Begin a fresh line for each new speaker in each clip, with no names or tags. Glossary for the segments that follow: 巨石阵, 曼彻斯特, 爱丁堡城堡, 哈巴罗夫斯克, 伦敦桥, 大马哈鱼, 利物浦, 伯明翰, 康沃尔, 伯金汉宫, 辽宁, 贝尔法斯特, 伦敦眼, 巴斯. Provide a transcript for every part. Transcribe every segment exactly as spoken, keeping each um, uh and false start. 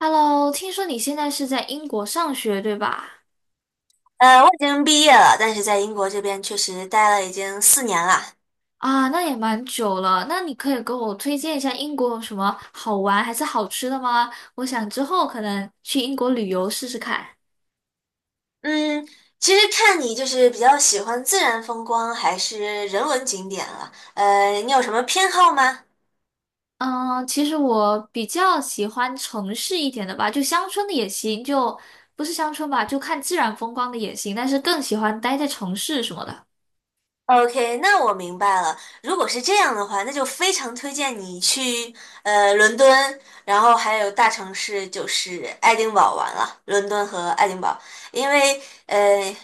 Hello，听说你现在是在英国上学，对吧？
呃，我已经毕业了，但是在英国这边确实待了已经四年了。
啊，那也蛮久了。那你可以给我推荐一下英国有什么好玩还是好吃的吗？我想之后可能去英国旅游试试看。
嗯，其实看你就是比较喜欢自然风光还是人文景点了。呃，你有什么偏好吗
嗯，其实我比较喜欢城市一点的吧，就乡村的也行，就不是乡村吧，就看自然风光的也行，但是更喜欢待在城市什么的。
？OK，那我明白了。如果是这样的话，那就非常推荐你去呃伦敦，然后还有大城市就是爱丁堡玩了，伦敦和爱丁堡，因为呃。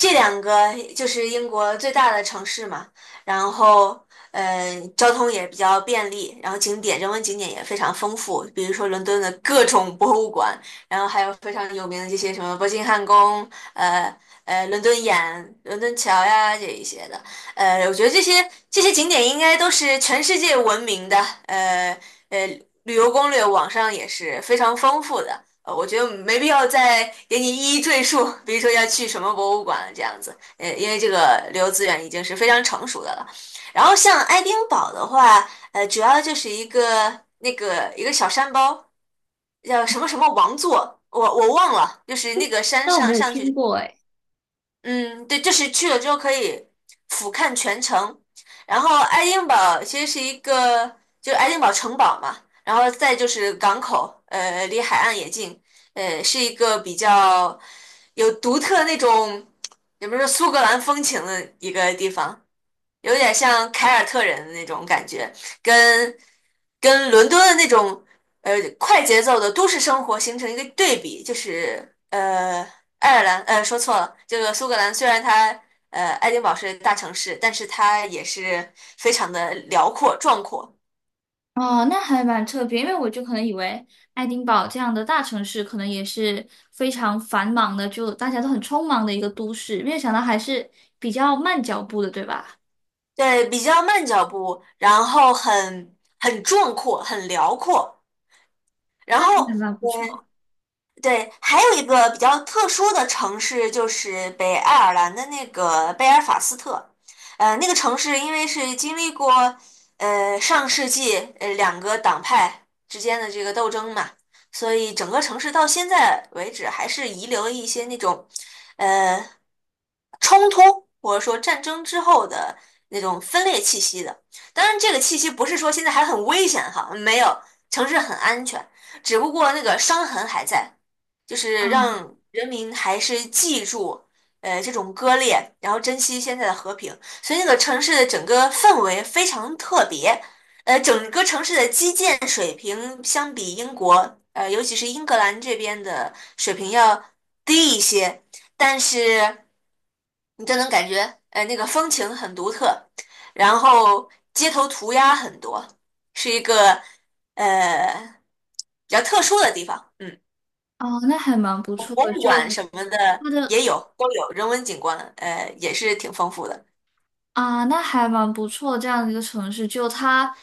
这两个就是英国最大的城市嘛，然后呃，交通也比较便利，然后景点人文景点也非常丰富，比如说伦敦的各种博物馆，然后还有非常有名的这些什么伯金汉宫，呃呃，伦敦眼、伦敦桥呀这一些的，呃，我觉得这些这些景点应该都是全世界闻名的，呃呃，旅游攻略网上也是非常丰富的。呃，我觉得没必要再给你一一赘述，比如说要去什么博物馆这样子，呃，因为这个旅游资源已经是非常成熟的了。然后像爱丁堡的话，呃，主要就是一个那个一个小山包，叫什么什么王座，我我忘了，就是那个山
那我没
上
有
上
听
去
过诶。
嗯，对，就是去了之后可以俯瞰全城。然后爱丁堡其实是一个，就是爱丁堡城堡嘛，然后再就是港口，呃，离海岸也近，呃，是一个比较有独特那种，也不是苏格兰风情的一个地方。有点像凯尔特人的那种感觉，跟跟伦敦的那种呃快节奏的都市生活形成一个对比，就是呃爱尔兰呃说错了，这个苏格兰虽然它呃爱丁堡是大城市，但是它也是非常的辽阔壮阔，
哦，那还蛮特别，因为我就可能以为爱丁堡这样的大城市可能也是非常繁忙的，就大家都很匆忙的一个都市，没有想到还是比较慢脚步的，对吧？
对，比较慢脚步，然后很很壮阔，很辽阔，然
那
后。
还蛮不错，
对，还有一个比较特殊的城市就是北爱尔兰的那个贝尔法斯特，呃，那个城市因为是经历过呃上世纪呃两个党派之间的这个斗争嘛，所以整个城市到现在为止还是遗留了一些那种呃冲突或者说战争之后的那种分裂气息的。当然，这个气息不是说现在还很危险哈，没有，城市很安全，只不过那个伤痕还在。就是
嗯。
让人民还是记住，呃，这种割裂，然后珍惜现在的和平。所以那个城市的整个氛围非常特别，呃，整个城市的基建水平相比英国，呃，尤其是英格兰这边的水平要低一些，但是你就能感觉，呃，那个风情很独特，然后街头涂鸦很多，是一个呃比较特殊的地方，嗯。
哦，那还蛮不
博
错的，
物
就
馆什么的
它的
也有，都有人文景观，呃，也是挺丰富的。
啊，那还蛮不错这样的一个城市，就它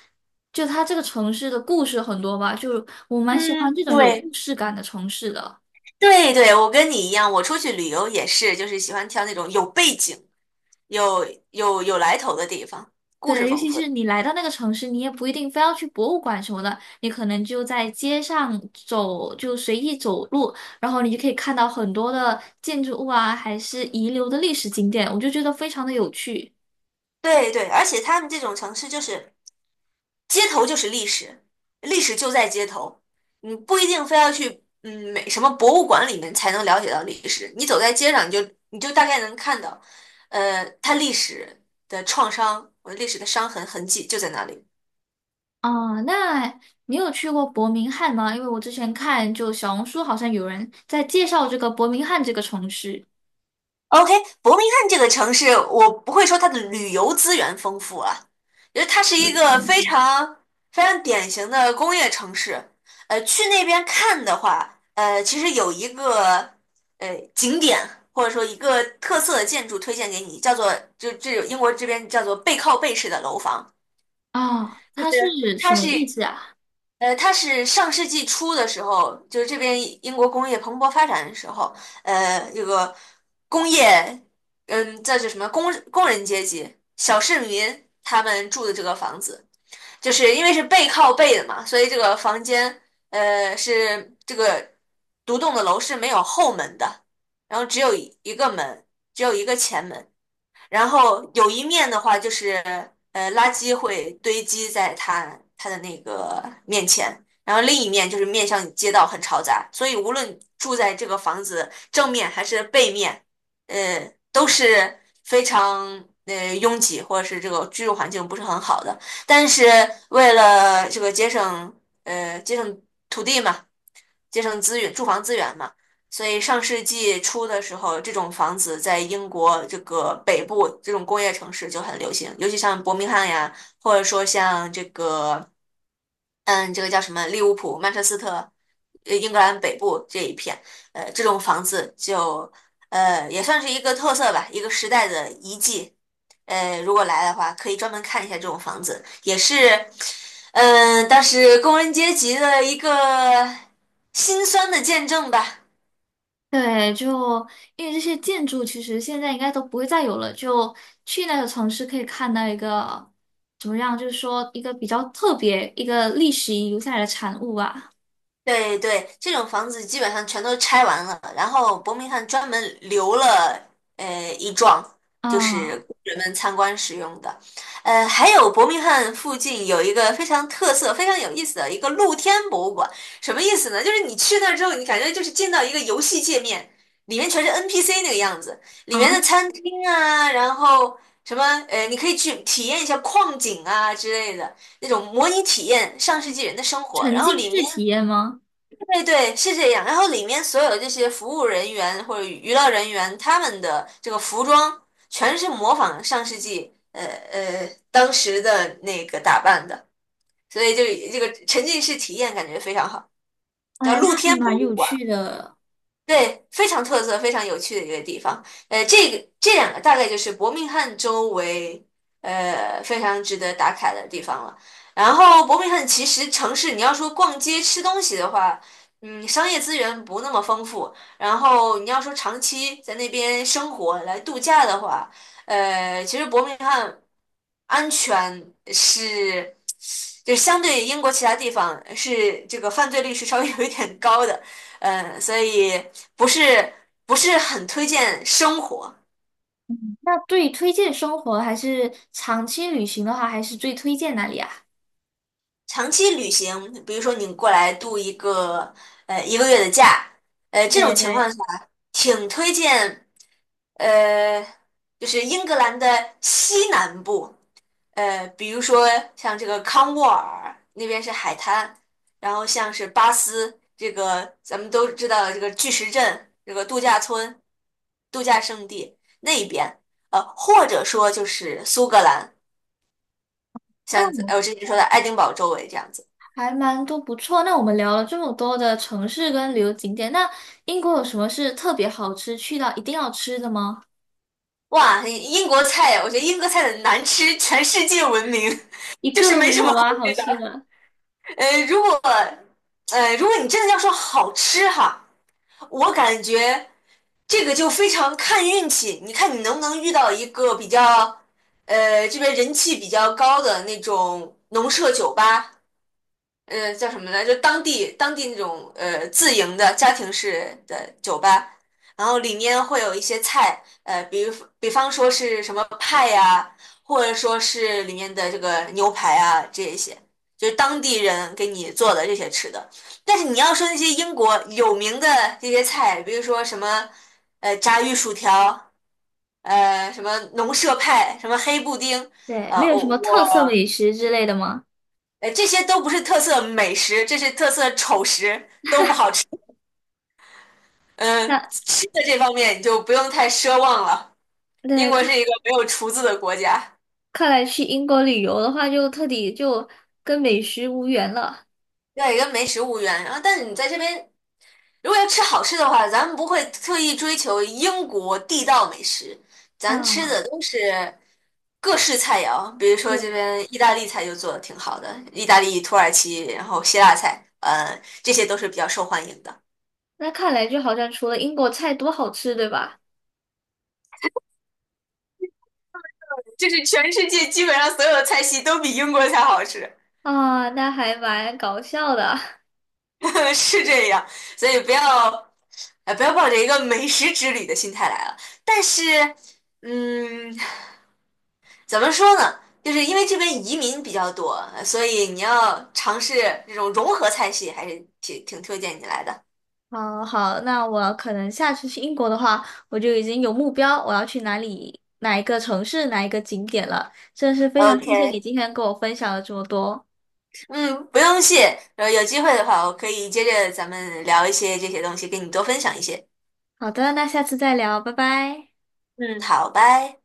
就它这个城市的故事很多吧，就我蛮喜欢
嗯，
这种有
对
故事感的城市的。
对对，我跟你一样，我出去旅游也是，就是喜欢挑那种有背景、有有有来头的地方，故事
对，尤
丰
其
富
是
的。
你来到那个城市，你也不一定非要去博物馆什么的，你可能就在街上走，就随意走路，然后你就可以看到很多的建筑物啊，还是遗留的历史景点，我就觉得非常的有趣。
对对，而且他们这种城市就是街头就是历史，历史就在街头，你不一定非要去嗯美什么博物馆里面才能了解到历史，你走在街上你就你就大概能看到，呃，它历史的创伤，呃历史的伤痕痕迹就在那里。
啊、那你有去过伯明翰吗？因为我之前看就小红书好像有人在介绍这个伯明翰这个城市。
OK，伯明翰这个城市，我不会说它的旅游资源丰富啊，因为它是一个非常非常典型的工业城市。呃，去那边看的话，呃，其实有一个呃景点或者说一个特色的建筑推荐给你，叫做就这英国这边叫做背靠背式的楼房，
啊，
就
它是
是
什
它
么
是。
意思啊？
呃，它是上世纪初的时候，就是这边英国工业蓬勃发展的时候，呃，这个工业，嗯，这是什么工工人阶级、小市民他们住的这个房子，就是因为是背靠背的嘛，所以这个房间，呃，是这个独栋的楼是没有后门的，然后只有一个门，只有一个前门，然后有一面的话就是，呃，垃圾会堆积在它它的那个面前，然后另一面就是面向街道很嘈杂，所以无论住在这个房子正面还是背面，呃，都是非常呃拥挤或者是这个居住环境不是很好的。但是为了这个节省呃节省土地嘛，节省资源、住房资源嘛。所以上世纪初的时候，这种房子在英国这个北部这种工业城市就很流行，尤其像伯明翰呀，或者说像这个嗯，这个叫什么？利物浦、曼彻斯特，呃，英格兰北部这一片，呃，这种房子就，呃，也算是一个特色吧，一个时代的遗迹。呃，如果来的话，可以专门看一下这种房子，也是，嗯、当时工人阶级的一个心酸的见证吧。
对，就因为这些建筑其实现在应该都不会再有了，就去那个城市可以看到一个怎么样，就是说一个比较特别、一个历史遗留下来的产物吧。
对对，这种房子基本上全都拆完了，然后伯明翰专门留了呃一幢，就是
啊，
工人们参观使用的。呃，还有伯明翰附近有一个非常特色、非常有意思的一个露天博物馆，什么意思呢？就是你去那儿之后，你感觉就是进到一个游戏界面，里面全是 N P C 那个样子，里
啊，
面的餐厅啊，然后什么呃，你可以去体验一下矿井啊之类的。那种模拟体验上世纪人的生活，
沉
然后
浸
里
式
面
体验吗？
对对，是这样。然后里面所有的这些服务人员或者娱乐人员，他们的这个服装全是模仿上世纪呃呃当时的那个打扮的，所以就这个沉浸式体验感觉非常好，叫
哎，
露
那
天
还
博
蛮
物
有
馆。
趣的。
对，非常特色、非常有趣的一个地方。呃，这个这两个大概就是伯明翰周围，呃，非常值得打卡的地方了。然后，伯明翰其实城市，你要说逛街吃东西的话，嗯，商业资源不那么丰富。然后，你要说长期在那边生活来度假的话，呃，其实伯明翰安全是，就相对英国其他地方是这个犯罪率是稍微有一点高的。嗯，所以不是不是很推荐生活。
嗯，那对于推荐生活还是长期旅行的话，还是最推荐哪里啊？
长期旅行，比如说你过来度一个呃一个月的假，呃这种
对
情况
对。
下，挺推荐呃就是英格兰的西南部，呃，比如说像这个康沃尔那边是海滩，然后像是巴斯这个咱们都知道的这个巨石阵，这个度假村、度假胜地那一边，呃，或者说就是苏格兰，
那
像
我
呃我之前说的爱丁堡周围这样子。
还蛮多不错。那我们聊了这么多的城市跟旅游景点，那英国有什么是特别好吃，去到一定要吃的吗？
哇，英国菜，我觉得英国菜的难吃全世界闻名，
一
就
个
是
都
没
没
什
有
么好
吗？好
吃
吃
的。
的。
呃，如果呃，如果你真的要说好吃哈，我感觉。这个就非常看运气，你看你能不能遇到一个比较，呃，这边人气比较高的那种农舍酒吧。呃叫什么来着？当地当地那种呃自营的家庭式的酒吧，然后里面会有一些菜，呃，比如比方说是什么派呀、或者说是里面的这个牛排啊这一些，就是当地人给你做的这些吃的。但是你要说那些英国有名的这些菜，比如说什么呃炸鱼薯条，呃什么农舍派，什么黑布丁。
对，
呃，
没有什
我
么特色
我
美食之类的吗？
哎，这些都不是特色美食，这是特色丑食，都不好吃。嗯，
那
吃的这方面你就不用太奢望了。英
那
国是
看
一个没有厨子的国家，
看来去英国旅游的话，就彻底就跟美食无缘了
对，跟个没食物园。然后，但是你在这边，如果要吃好吃的话，咱们不会特意追求英国地道美食，咱吃
啊
的都是各式菜肴。比如 说这
就
边意大利菜就做的挺好的，意大利、土耳其，然后希腊菜，呃，这些都是比较受欢迎的。
那看来就好像除了英国菜多好吃，对吧？
就是全世界基本上所有的菜系都比英国菜好吃，
啊，那还蛮搞笑的。
是这样，所以不要，呃，不要抱着一个美食之旅的心态来了。但是，嗯，怎么说呢？就是因为这边移民比较多，呃所以你要尝试这种融合菜系，还是挺挺推荐你来的。
好好，那我可能下次去英国的话，我就已经有目标，我要去哪里、哪一个城市、哪一个景点了。真的是非常谢谢你
OK，
今天跟我分享了这么多。
嗯，不用谢。呃，有机会的话，我可以接着咱们聊一些这些东西，跟你多分享一些。
好的，那下次再聊，拜拜。
嗯，好，拜。